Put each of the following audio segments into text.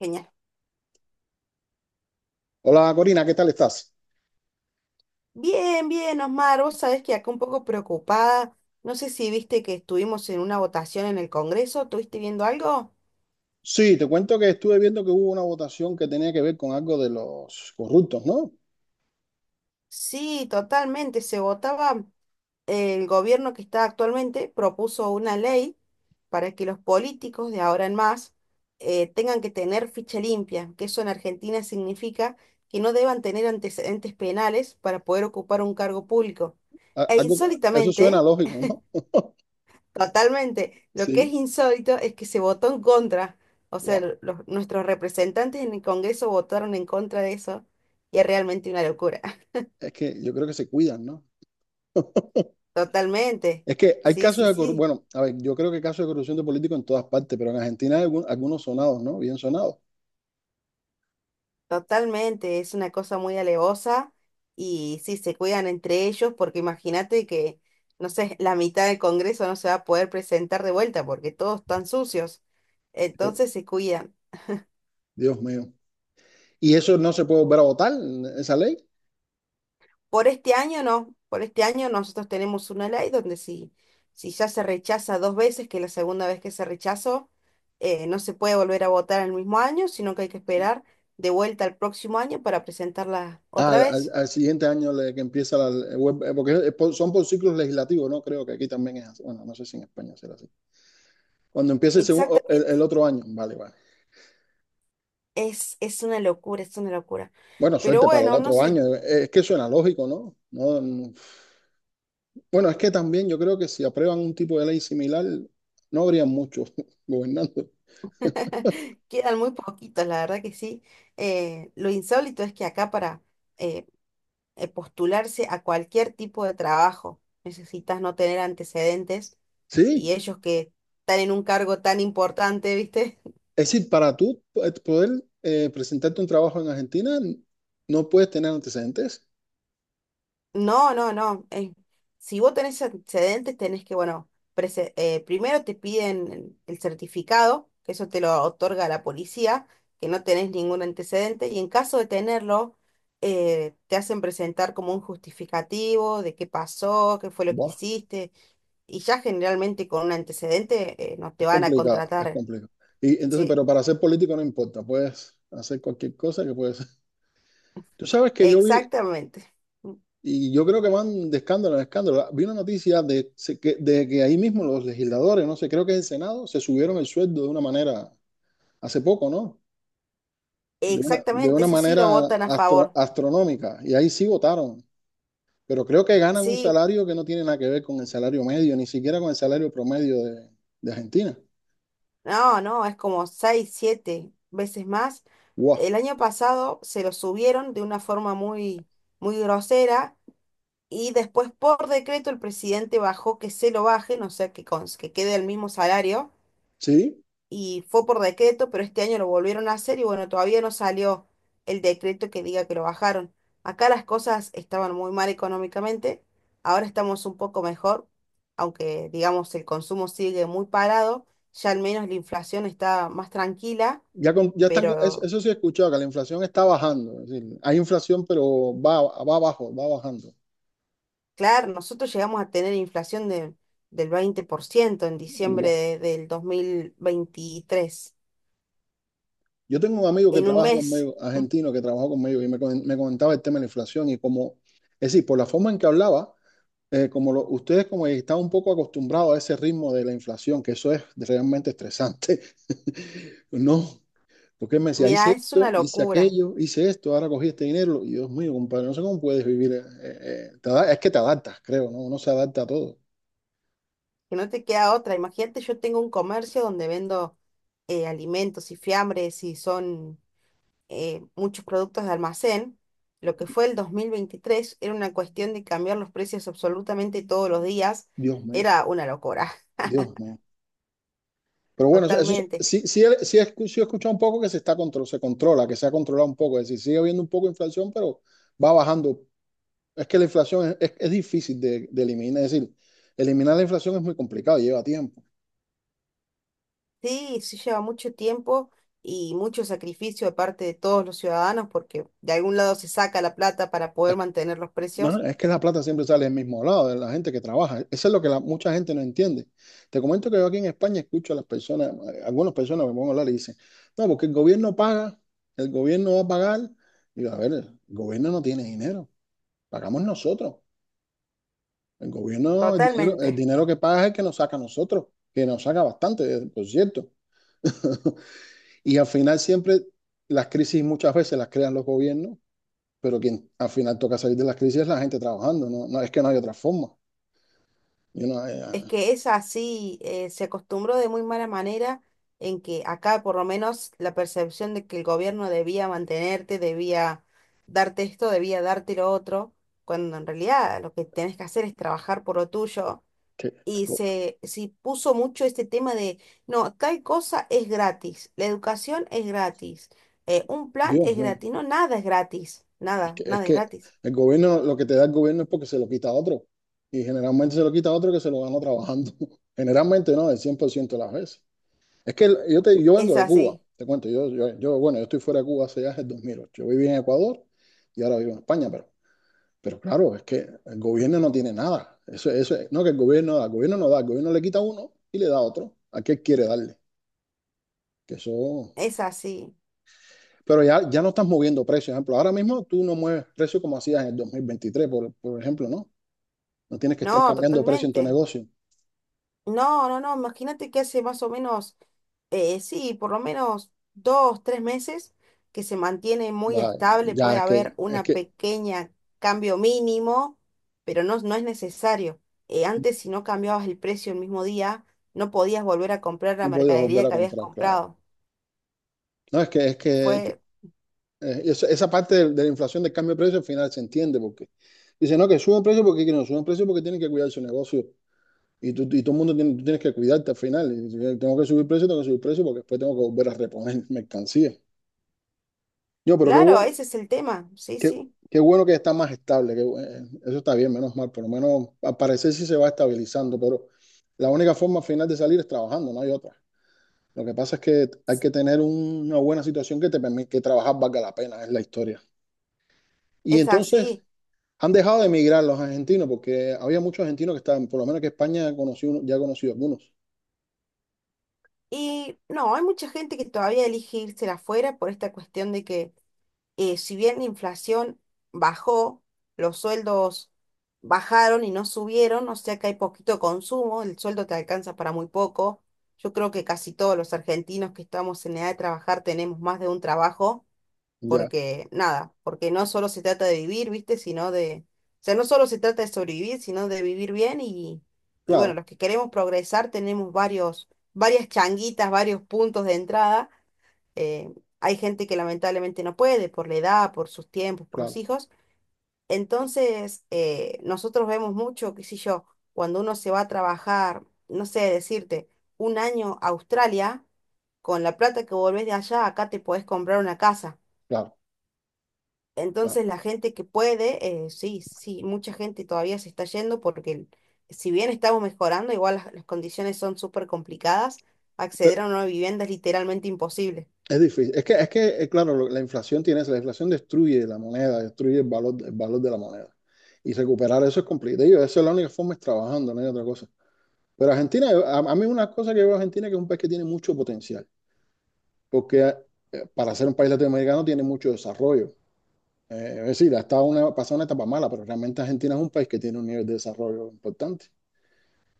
Genial. Hola Corina, ¿qué tal estás? Bien, bien, Osmar. Vos sabés que acá un poco preocupada. No sé si viste que estuvimos en una votación en el Congreso. ¿Estuviste viendo algo? Sí, te cuento que estuve viendo que hubo una votación que tenía que ver con algo de los corruptos, ¿no? Sí, totalmente. Se votaba, el gobierno que está actualmente propuso una ley para que los políticos de ahora en más tengan que tener ficha limpia, que eso en Argentina significa que no deban tener antecedentes penales para poder ocupar un cargo público. A- E algo- eso suena insólitamente, lógico, ¿no? totalmente. Lo que es Sí. insólito es que se votó en contra. O sea, Guau. Los, nuestros representantes en el Congreso votaron en contra de eso y es realmente una locura. Es que yo creo que se cuidan, ¿no? Totalmente. Es que hay Sí, casos sí, de corrupción, sí. bueno, a ver, yo creo que hay casos de corrupción de políticos en todas partes, pero en Argentina hay algunos sonados, ¿no? Bien sonados. Totalmente. Es una cosa muy alevosa y sí, se cuidan entre ellos porque imagínate que, no sé, la mitad del Congreso no se va a poder presentar de vuelta porque todos están sucios. Yo- Entonces se cuidan. Dios mío. ¿Y eso no se puede volver a votar, esa ley? Por este año no, por este año nosotros tenemos una ley donde si, si ya se rechaza dos veces, que la segunda vez que se rechazó, no se puede volver a votar en el mismo año, sino que hay que esperar de vuelta al próximo año para presentarla Ah, otra vez. al siguiente año que empieza Porque son por ciclos legislativos, ¿no? Creo que aquí también es así. Bueno, no sé si en España será así. Cuando empiece el, segundo, Exactamente, el otro año. Vale, vale. Es una locura, es una locura. Bueno, Pero suerte para el bueno, no otro sé, año. Es que suena lógico, ¿no? Bueno, es que también yo creo que si aprueban un tipo de ley similar, no habría muchos gobernando. quedan muy poquitos, la verdad que sí. Lo insólito es que acá para eh, postularse a cualquier tipo de trabajo necesitas no tener antecedentes Sí, y ellos que están en un cargo tan importante, ¿viste? es decir, para poder presentarte un trabajo en Argentina, no puedes tener antecedentes. No, no, no. Si vos tenés antecedentes, tenés que, bueno, primero te piden el certificado, que eso te lo otorga la policía, que no tenés ningún antecedente, y en caso de tenerlo, te hacen presentar como un justificativo de qué pasó, qué fue lo que Buah, hiciste, y ya generalmente con un antecedente, no es te van a complicado, es contratar. complicado. Y entonces, Sí, pero para ser político no importa, puedes hacer cualquier cosa que puedes. Tú sabes que yo vi, exactamente. y yo creo que van de escándalo en escándalo. Vi una noticia de que de que ahí mismo los legisladores, no sé, creo que es el Senado, se subieron el sueldo de una manera, hace poco, ¿no? De Exactamente, una eso sí lo manera votan a favor. astronómica. Y ahí sí votaron. Pero creo que ganan un Sí, salario que no tiene nada que ver con el salario medio, ni siquiera con el salario promedio de Argentina. no, no, es como seis, siete veces más. ¡Guau! El año pasado se lo subieron de una forma muy, muy grosera y después por decreto el presidente bajó que se lo bajen, o sea, que, que quede el mismo salario. Sí, Y fue por decreto, pero este año lo volvieron a hacer y bueno, todavía no salió el decreto que diga que lo bajaron. Acá las cosas estaban muy mal económicamente, ahora estamos un poco mejor, aunque digamos el consumo sigue muy parado, ya al menos la inflación está más tranquila, ya, ya están, eso, pero eso sí he escuchado, que la inflación está bajando. Es decir, hay inflación, pero va, va abajo, va bajando. claro, nosotros llegamos a tener inflación del 20% en diciembre del 2023, Yo tengo un amigo que en un trabaja mes. conmigo, argentino, que trabaja conmigo y me comentaba el tema de la inflación y como, es decir, por la forma en que hablaba, como ustedes como están un poco acostumbrados a ese ritmo de la inflación, que eso es realmente estresante, ¿no? Porque él me decía, hice Mirá, es una esto, hice locura. aquello, hice esto, ahora cogí este dinero. Y Dios mío, compadre, no sé cómo puedes vivir. Es que te adaptas, creo, ¿no? Uno se adapta a todo. Que no te queda otra. Imagínate, yo tengo un comercio donde vendo alimentos y fiambres y son muchos productos de almacén. Lo que fue el 2023 era una cuestión de cambiar los precios absolutamente todos los días. Dios mío, Era una locura, Dios mío. Pero bueno, eso totalmente. sí, sí, sí, sí he escuchado un poco que se está se controla, que se ha controlado un poco. Es decir, sigue habiendo un poco de inflación, pero va bajando. Es que la inflación es difícil de eliminar. Es decir, eliminar la inflación es muy complicado, lleva tiempo. Sí, sí lleva mucho tiempo y mucho sacrificio de parte de todos los ciudadanos porque de algún lado se saca la plata para Es, poder mantener los no, no, precios. es que la plata siempre sale del mismo lado, de la gente que trabaja. Eso es lo que mucha gente no entiende. Te comento que yo aquí en España escucho a las personas, a algunas personas me pongo a hablar y dicen, no, porque el gobierno paga, el gobierno va a pagar. Y yo, a ver, el gobierno no tiene dinero, pagamos nosotros. El gobierno, el Totalmente. dinero que paga es el que nos saca a nosotros, que nos saca bastante, por cierto. Y al final siempre las crisis muchas veces las crean los gobiernos, pero quien al final toca salir de las crisis es la gente trabajando, no, no es que no hay otra forma. Yo no, Es que es así, se acostumbró de muy mala manera en que acá por lo menos la percepción de que el gobierno debía mantenerte, debía darte esto, debía darte lo otro, cuando en realidad lo que tenés que hacer es trabajar por lo tuyo. que- Y co- se puso mucho este tema de, no, tal cosa es gratis, la educación es gratis, un plan Dios es mío, gratis, no, nada es gratis, nada, es nada es que gratis. el gobierno, lo que te da el gobierno es porque se lo quita a otro. Y generalmente se lo quita a otro que se lo ganó trabajando. Generalmente no, el 100% de las veces. Es que yo, te, yo Es vengo de Cuba, así, te cuento, bueno, yo estoy fuera de Cuba hace ya desde el 2008. Yo viví en Ecuador y ahora vivo en España, pero claro, es que el gobierno no tiene nada. Eso, no que el gobierno da, el gobierno no da, el gobierno le quita a uno y le da a otro. ¿A qué quiere darle? Que eso... es así, Pero ya, ya no estás moviendo precios. Por ejemplo, ahora mismo tú no mueves precios como hacías en el 2023 por ejemplo, ¿no? No tienes que estar no, cambiando precio en tu totalmente. negocio. No, no, no, imagínate que hace más o menos, sí, por lo menos dos, tres meses que se mantiene muy Vaya, estable, ya puede haber es una que pequeña cambio mínimo, pero no, no es necesario. Antes si no cambiabas el precio el mismo día, no podías volver a comprar la no podías volver mercadería a que habías comprar, claro. comprado. No, es que Fue, eh, esa parte de la inflación del cambio de precio al final se entiende porque dice no, que no suben precios porque tienen que cuidar su negocio y, tú, y todo el mundo tiene, tú tienes que cuidarte al final. Y dice, tengo que subir precios, tengo que subir precios porque después tengo que volver a reponer mercancía. Yo, pero qué claro, bueno, ese es el tema, sí, qué, sí, qué bueno que está más estable, que, eso está bien, menos mal, por lo menos al parecer sí se va estabilizando, pero la única forma al final de salir es trabajando, no hay otra. Lo que pasa es que hay que tener una buena situación que te permite que trabajar valga la pena, es la historia. Y es entonces, así. han dejado de emigrar los argentinos porque había muchos argentinos que estaban, por lo menos que España ya conocí algunos. Y no, hay mucha gente que todavía elige irse afuera por esta cuestión de que si bien la inflación bajó, los sueldos bajaron y no subieron, o sea que hay poquito consumo, el sueldo te alcanza para muy poco. Yo creo que casi todos los argentinos que estamos en edad de trabajar tenemos más de un trabajo, Ya, porque nada, porque no solo se trata de vivir, ¿viste? Sino de, o sea, no solo se trata de sobrevivir, sino de vivir bien y bueno, claro, los que queremos progresar tenemos varias changuitas, varios puntos de entrada eh, hay gente que lamentablemente no puede por la edad, por sus tiempos, por los claro, hijos. Entonces, nosotros vemos mucho, qué sé yo, cuando uno se va a trabajar, no sé, decirte, un año a Australia, con la plata que volvés de allá, acá te podés comprar una casa. claro, claro. Entonces, la gente que puede, sí, sí, mucha gente todavía se está yendo porque si bien estamos mejorando, igual las condiciones son súper complicadas, Pero acceder a una vivienda es literalmente imposible. es difícil. Es que, claro, la inflación tiene eso. La inflación destruye la moneda, destruye el valor de la moneda. Y recuperar eso es complicado. Y esa es la única forma, es trabajando, no hay otra cosa. Pero Argentina, a mí una cosa que veo a Argentina es que es un país que tiene mucho potencial. Porque para ser un país latinoamericano tiene mucho desarrollo. Es decir, ha estado una, pasado una etapa mala, pero realmente Argentina es un país que tiene un nivel de desarrollo importante.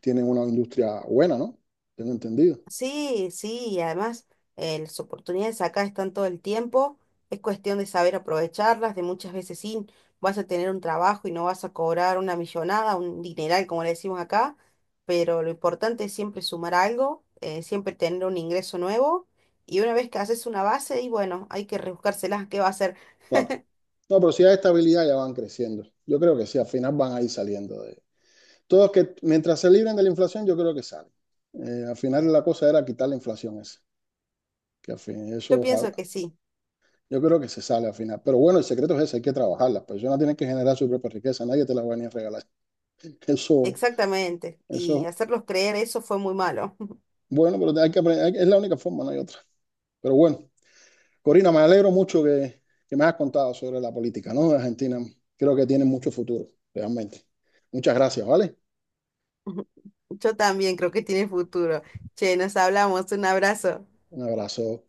Tienen una industria buena, ¿no? Tengo entendido. Sí, sí, y además las oportunidades acá están todo el tiempo, es cuestión de saber aprovecharlas, de muchas veces sí, vas a tener un trabajo y no vas a cobrar una millonada, un dineral como le decimos acá, pero lo importante es siempre sumar algo, siempre tener un ingreso nuevo y una vez que haces una base, y bueno, hay que rebuscárselas, ¿qué va a hacer? Claro. No, pero si hay estabilidad ya van creciendo. Yo creo que sí, al final van a ir saliendo de... Todos que mientras se libren de la inflación, yo creo que salen. Al final la cosa era quitar la inflación esa. Que al fin, eso Yo ojalá. pienso que sí, Yo creo que se sale al final. Pero bueno, el secreto es ese, hay que trabajar. Las personas tienen que generar su propia riqueza, nadie te la va a venir a regalar. Eso, exactamente, y eso, hacerlos creer eso fue muy malo. bueno, pero hay que aprender, es la única forma, no hay otra. Pero bueno. Corina, me alegro mucho que me hayas contado sobre la política, ¿no? De Argentina. Creo que tiene mucho futuro, realmente. Muchas gracias, ¿vale? Yo también creo que tiene futuro. Che, nos hablamos, un abrazo. Un abrazo.